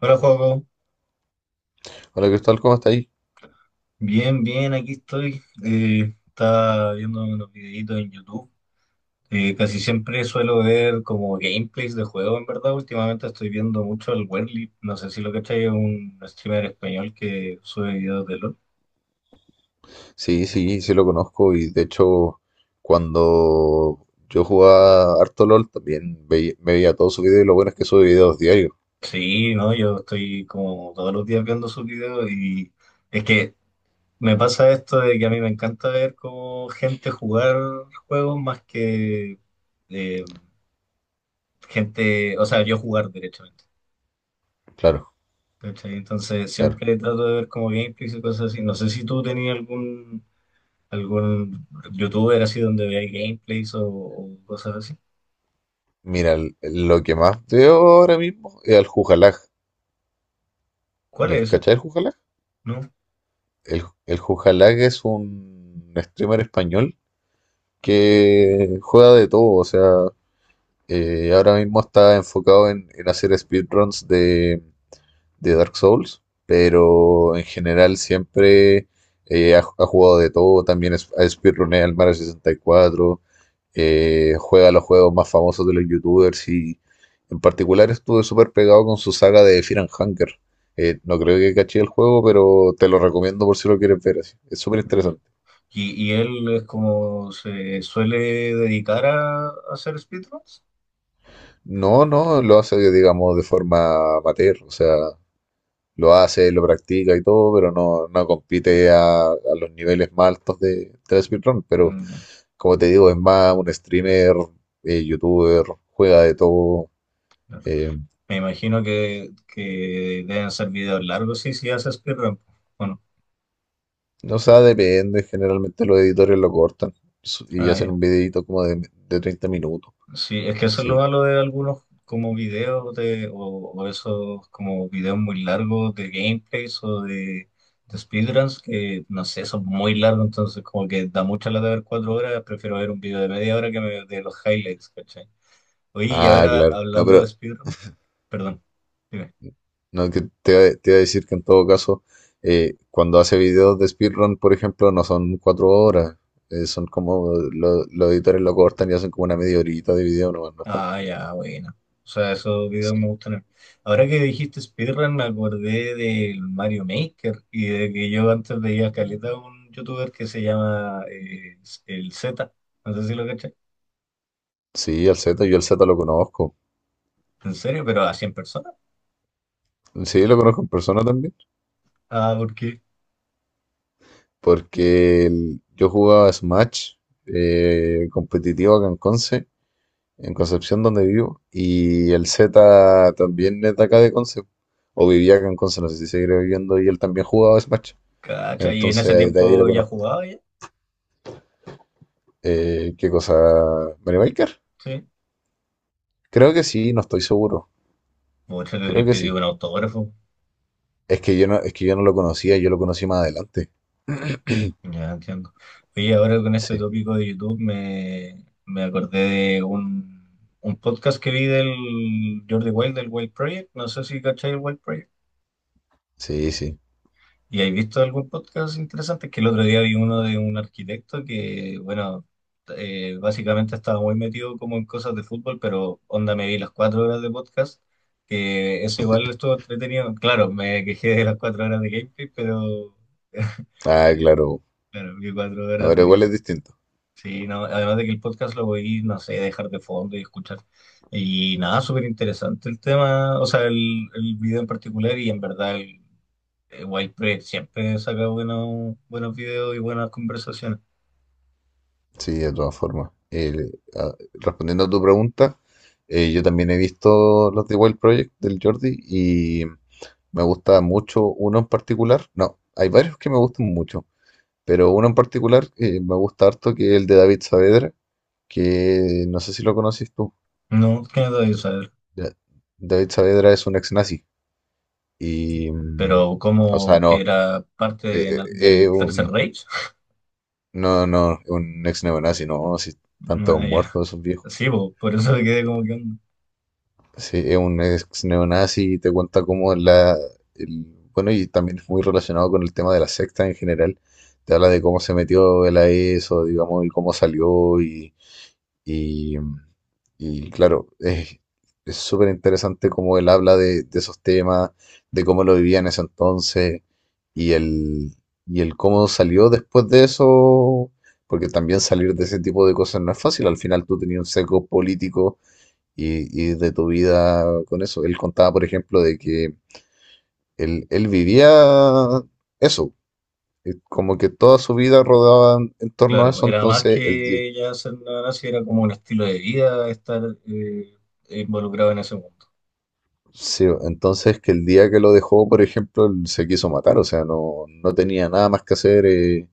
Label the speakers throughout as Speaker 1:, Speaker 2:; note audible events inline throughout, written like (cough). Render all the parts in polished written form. Speaker 1: Hola, Joaco.
Speaker 2: Hola Cristóbal, ¿cómo estáis?
Speaker 1: Bien, bien, aquí estoy. Estaba viendo unos videitos en YouTube. Casi siempre suelo ver como gameplays de juegos, en verdad. Últimamente estoy viendo mucho el Werly. No sé si lo cachai, es un streamer español que sube videos de LOL.
Speaker 2: Sí, sí, sí lo conozco y de hecho cuando yo jugaba harto LOL también veía, me veía todos sus videos y lo bueno es que sube videos diarios.
Speaker 1: Sí, no, yo estoy como todos los días viendo sus videos y es que me pasa esto de que a mí me encanta ver como gente jugar juegos más que eh, gente, o sea, yo jugar derechamente.
Speaker 2: Claro,
Speaker 1: ¿Cachai? Entonces
Speaker 2: claro.
Speaker 1: siempre trato de ver como gameplays y cosas así. No sé si tú tenías algún youtuber así donde veas gameplays o cosas así.
Speaker 2: Mira, lo que más veo ahora mismo es al Jujalaj.
Speaker 1: ¿Cuál
Speaker 2: ¿Ya?
Speaker 1: es ese?
Speaker 2: ¿Cachai el Jujalaj?
Speaker 1: ¿No?
Speaker 2: El Jujalaj es un streamer español que juega de todo, o sea, ahora mismo está enfocado en hacer speedruns de Dark Souls, pero en general siempre ha jugado de todo, también ha speedruneado el Mario 64. Juega los juegos más famosos de los youtubers y en particular estuve súper pegado con su saga de Fear and Hunger. No creo que caché el juego, pero te lo recomiendo por si lo quieres ver así. Es súper
Speaker 1: Ya.
Speaker 2: interesante.
Speaker 1: Y él es como se suele dedicar a hacer speedruns?
Speaker 2: No, no, lo hace, digamos, de forma amateur. O sea, lo hace, lo practica y todo, pero no, no compite a los niveles más altos de la speedrun. Pero
Speaker 1: Mm, ya,
Speaker 2: como te digo, es más un streamer, youtuber, juega de todo.
Speaker 1: claro.
Speaker 2: eh,
Speaker 1: Me imagino que deben ser videos largos, sí, sí hace speedrun. Bueno,
Speaker 2: no sé, depende. Generalmente los editores lo cortan y hacen un videito como de 30 minutos.
Speaker 1: sí, es que eso es lo
Speaker 2: Sí.
Speaker 1: malo de algunos como videos o esos como videos muy largos de gameplays de speedruns que no sé, son muy largos, entonces como que da mucha lata ver cuatro horas, prefiero ver un video de media hora que me, de los highlights, ¿cachai? Oye, y
Speaker 2: Ah,
Speaker 1: ahora
Speaker 2: claro. No,
Speaker 1: hablando de
Speaker 2: pero
Speaker 1: speedrun, perdón. Dime.
Speaker 2: no, que te iba a decir que en todo caso, cuando hace videos de speedrun, por ejemplo, no son 4 horas. Son como los editores lo cortan y hacen como una media horita de video, no, no es tanto.
Speaker 1: Ah, ya, bueno. O sea, esos videos
Speaker 2: Sí.
Speaker 1: me gustan a mí. Ahora que dijiste speedrun, me acordé del Mario Maker y de que yo antes veía caleta a un youtuber que se llama el Z. No sé si lo caché.
Speaker 2: Sí, al Z, yo al Z lo conozco.
Speaker 1: ¿En serio? ¿Pero a 100 personas?
Speaker 2: Sí, lo conozco en persona también.
Speaker 1: Ah, ¿por qué?
Speaker 2: Porque yo jugaba Smash competitivo acá en Conce, en Concepción donde vivo, y el Z también es de acá de Conce, o vivía acá en Conce, no sé si seguirá viviendo, y él también jugaba Smash,
Speaker 1: Cacha, y en ese
Speaker 2: entonces de ahí lo
Speaker 1: tiempo ya
Speaker 2: conozco.
Speaker 1: jugaba ya.
Speaker 2: ¿Qué cosa? ¿Mario Maker?
Speaker 1: Sí.
Speaker 2: Creo que sí, no estoy seguro,
Speaker 1: Mucho le
Speaker 2: creo
Speaker 1: habría
Speaker 2: que
Speaker 1: pedido
Speaker 2: sí.
Speaker 1: un autógrafo.
Speaker 2: Es que yo no, es que yo no lo conocía, yo lo conocí más adelante.
Speaker 1: Ya entiendo. Oye, ahora con este
Speaker 2: Sí,
Speaker 1: tópico de YouTube me acordé de un podcast que vi del Jordi Wild, del Wild Project. No sé si cachai el Wild Project.
Speaker 2: sí, sí.
Speaker 1: ¿Y has visto algún podcast interesante? Es que el otro día vi uno de un arquitecto que, bueno, básicamente estaba muy metido como en cosas de fútbol, pero onda me vi las cuatro horas de podcast, que eso igual estuvo entretenido. Claro, me quejé de las cuatro horas de gameplay, pero (laughs)
Speaker 2: Ah, claro.
Speaker 1: claro, vi cuatro horas
Speaker 2: Ahora igual
Speaker 1: de...
Speaker 2: es distinto.
Speaker 1: Sí, no, además de que el podcast lo voy, no sé, dejar de fondo y escuchar. Y nada, súper interesante el tema, o sea, el video en particular y en verdad el Wild Press siempre saca buenos, buenos videos y buenas conversaciones.
Speaker 2: Sí, de todas formas. Respondiendo a tu pregunta, yo también he visto los de Wild Project del Jordi y me gusta mucho uno en particular. No, hay varios que me gustan mucho, pero uno en particular me gusta harto, que es el de David Saavedra, que no sé si lo conoces tú.
Speaker 1: No, que no debía saber,
Speaker 2: Da- David Saavedra es un ex nazi y, mm,
Speaker 1: pero
Speaker 2: o sea,
Speaker 1: como que
Speaker 2: no,
Speaker 1: era parte de
Speaker 2: eh, eh, eh,
Speaker 1: del Tercer
Speaker 2: un,
Speaker 1: Reich. (laughs)
Speaker 2: no, no, un ex neonazi, no, si tantos
Speaker 1: Ah, ya.
Speaker 2: muertos esos viejos.
Speaker 1: Sí, po, por eso me quedé como que, onda.
Speaker 2: Sí, es un ex neonazi y te cuenta cómo la... el- bueno, y también es muy relacionado con el tema de la secta en general. Te habla de cómo se metió él a eso, digamos, y cómo salió y, y claro, es súper interesante cómo él habla de esos temas, de cómo lo vivía en ese entonces y el, y el cómo salió después de eso. Porque también salir de ese tipo de cosas no es fácil. Al final tú tenías un sesgo político y de tu vida con eso. Él contaba, por ejemplo, de que él vivía eso, como que toda su vida rodaba en torno a
Speaker 1: Claro,
Speaker 2: eso,
Speaker 1: era más
Speaker 2: entonces el día,
Speaker 1: que ya ser una nazi, era como un estilo de vida estar eh, involucrado en ese mundo.
Speaker 2: sí, entonces que el día que lo dejó, por ejemplo, él se quiso matar, o sea, no, no tenía nada más que hacer,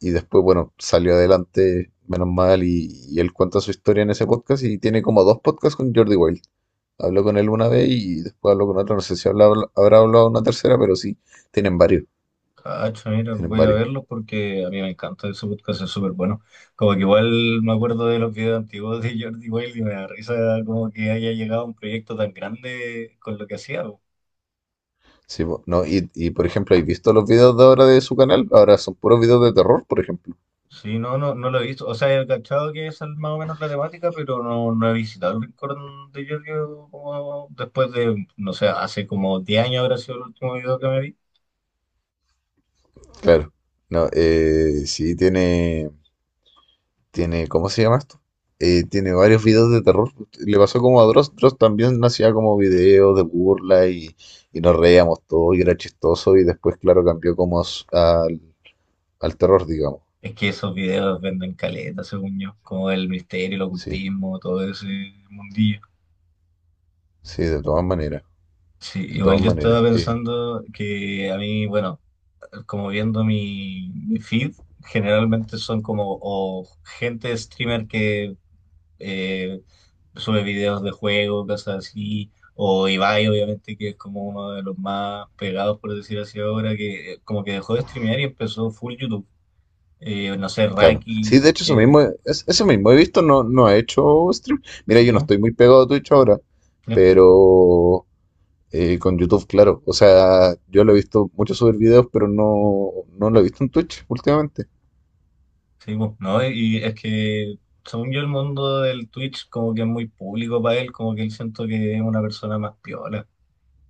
Speaker 2: y después, bueno, salió adelante, menos mal, y él cuenta su historia en ese podcast y tiene como dos podcasts con Jordi Wild. Habló con él una vez y después habló con otra, no sé si habrá hablado una tercera, pero sí, tienen varios,
Speaker 1: Cacho, mira,
Speaker 2: tienen
Speaker 1: voy a
Speaker 2: varios.
Speaker 1: verlo porque a mí me encanta ese podcast, es súper bueno. Como que igual me acuerdo de los videos antiguos de Jordi Wild y me da risa como que haya llegado a un proyecto tan grande con lo que hacía, po.
Speaker 2: Sí, po, no, y, por ejemplo, ¿has visto los videos de ahora de su canal? Ahora son puros videos de terror, por ejemplo.
Speaker 1: Sí, no, no, no lo he visto. O sea, he cachado que esa es más o menos la temática, pero no, no he visitado el rincón de Jordi como después de, no sé, hace como 10 años habrá sido el último video que me vi.
Speaker 2: Claro. No, tiene, ¿cómo se llama esto? Tiene varios videos de terror. Le pasó como a Dross. Dross también hacía como videos de burla y nos reíamos todo y era chistoso y después, claro, cambió como a al terror, digamos.
Speaker 1: Es que esos videos venden caleta, según yo, como el misterio, el
Speaker 2: Sí,
Speaker 1: ocultismo, todo ese mundillo.
Speaker 2: sí, de todas maneras,
Speaker 1: Sí,
Speaker 2: de todas
Speaker 1: igual yo
Speaker 2: maneras.
Speaker 1: estaba pensando que a mí, bueno, como viendo mi feed, generalmente son como o gente streamer que eh, sube videos de juegos, cosas así, o Ibai, obviamente, que es como uno de los más pegados, por decir así ahora, que como que dejó de streamear y empezó full YouTube. No sé,
Speaker 2: Claro. Sí, de
Speaker 1: Rakis,
Speaker 2: hecho, eso
Speaker 1: que,
Speaker 2: mismo, eso mismo he visto, no, no ha hecho stream. Mira, yo no
Speaker 1: ¿no?
Speaker 2: estoy muy pegado a Twitch ahora, pero con YouTube, claro. O sea, yo lo he visto mucho subir videos, pero no, no lo he visto en Twitch últimamente.
Speaker 1: Sí, pues, ¿no? Y es que, según yo, el mundo del Twitch como que es muy público para él, como que él siento que es una persona más piola.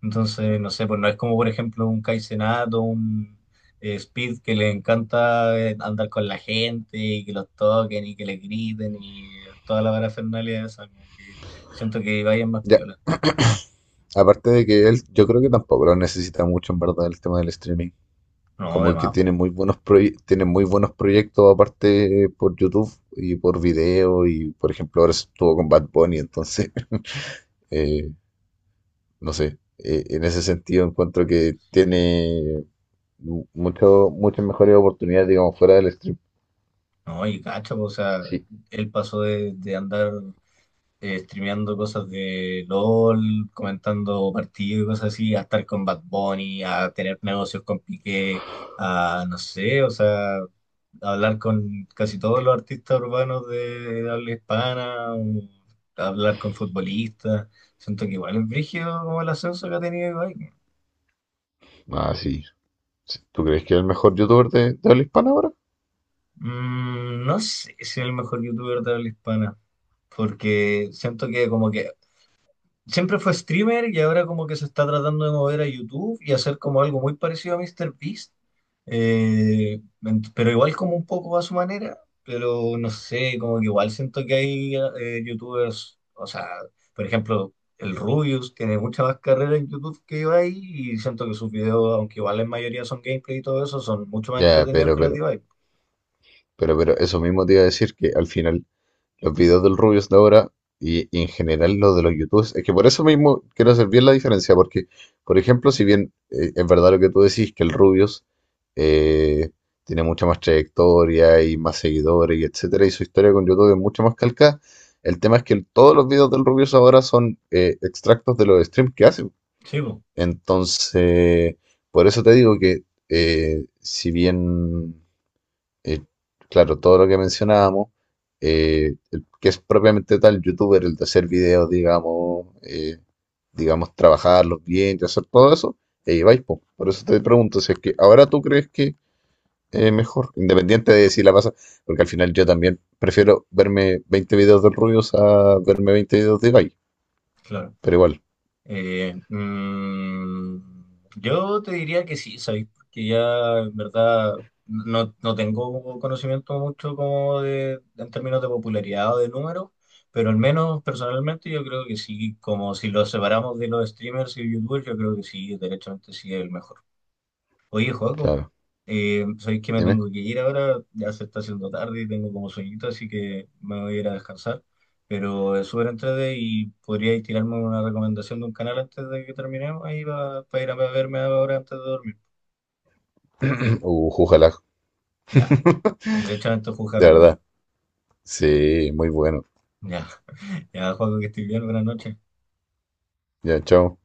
Speaker 1: Entonces, no sé, pues no es como, por ejemplo, un Kai Cenat o un Speed, que le encanta andar con la gente y que los toquen y que le griten y toda la parafernalia esa, como que siento que vayan más
Speaker 2: Ya,
Speaker 1: piola.
Speaker 2: aparte de que él, yo creo que tampoco lo necesita mucho, en verdad, el tema del streaming.
Speaker 1: No,
Speaker 2: Como que
Speaker 1: además,
Speaker 2: tiene
Speaker 1: pues,
Speaker 2: muy buenos tiene muy buenos proyectos aparte por YouTube y por video y por ejemplo ahora estuvo con Bad Bunny, entonces (laughs) eh, no sé, en ese sentido encuentro que
Speaker 1: sí, pues.
Speaker 2: tiene muchas mejores oportunidades, digamos, fuera del stream.
Speaker 1: No, y cacho, pues, o sea,
Speaker 2: Sí.
Speaker 1: él pasó de andar streameando cosas de LOL, comentando partidos y cosas así, a estar con Bad Bunny, a tener negocios con Piqué, a no sé, o sea, hablar con casi todos los artistas urbanos de habla hispana, o hablar con futbolistas. Siento que igual es brígido como el ascenso que ha tenido Ibai.
Speaker 2: Ah, sí. Sí. ¿Tú crees que es el mejor youtuber de habla hispana ahora?
Speaker 1: Mm, no sé si es el mejor youtuber de habla hispana. Porque siento que como que siempre fue streamer y ahora como que se está tratando de mover a YouTube y hacer como algo muy parecido a MrBeast, pero igual como un poco a su manera, pero no sé, como que igual siento que hay YouTubers, o sea, por ejemplo, el Rubius tiene mucha más carrera en YouTube que yo ahí y siento que sus videos, aunque igual en mayoría son gameplay y todo eso, son mucho más
Speaker 2: Ya,
Speaker 1: entretenidos que los de Ibai.
Speaker 2: eso mismo te iba a decir que al final los videos del Rubius ahora y en general los de los YouTubers, es que por eso mismo quiero hacer bien la diferencia, porque, por ejemplo, si bien es verdad lo que tú decís, que el Rubius eh, tiene mucha más trayectoria y más seguidores y etcétera, y su historia con YouTube es mucho más calcada, el tema es que todos los videos del Rubius ahora son extractos de los streams que hace.
Speaker 1: Sí, po,
Speaker 2: Entonces, por eso te digo que si bien eh, claro, todo lo que mencionábamos, el que es propiamente tal youtuber, el de hacer videos, digamos, trabajarlos bien y hacer todo eso, y ahí vais, po. Por eso te pregunto, si es que ahora tú crees que es mejor, independiente de si la pasa, porque al final yo también prefiero verme 20 videos del Rubius a verme 20 videos de Ibai,
Speaker 1: claro.
Speaker 2: pero igual,
Speaker 1: Eh, mm, yo te diría que sí, ¿sabes? Porque ya en verdad no, no tengo conocimiento mucho como de, en términos de popularidad o de números, pero al menos personalmente yo creo que sí, como si lo separamos de los streamers y youtubers, yo creo que sí, derechamente sí es el mejor. Oye, Joaco,
Speaker 2: claro,
Speaker 1: sabéis que me
Speaker 2: dime,
Speaker 1: tengo que ir ahora, ya se está haciendo tarde y tengo como sueñito, así que me voy a ir a descansar. Pero es súper entrete y podríais tirarme una recomendación de un canal antes de que terminemos ahí para ir a verme ahora antes de dormir.
Speaker 2: (clears throat) jújala,
Speaker 1: Ya, derechamente
Speaker 2: de
Speaker 1: juzgar no.
Speaker 2: verdad, sí, muy bueno,
Speaker 1: Ya, (laughs) ya, Joaco, que estés bien, buenas noches.
Speaker 2: ya, chao.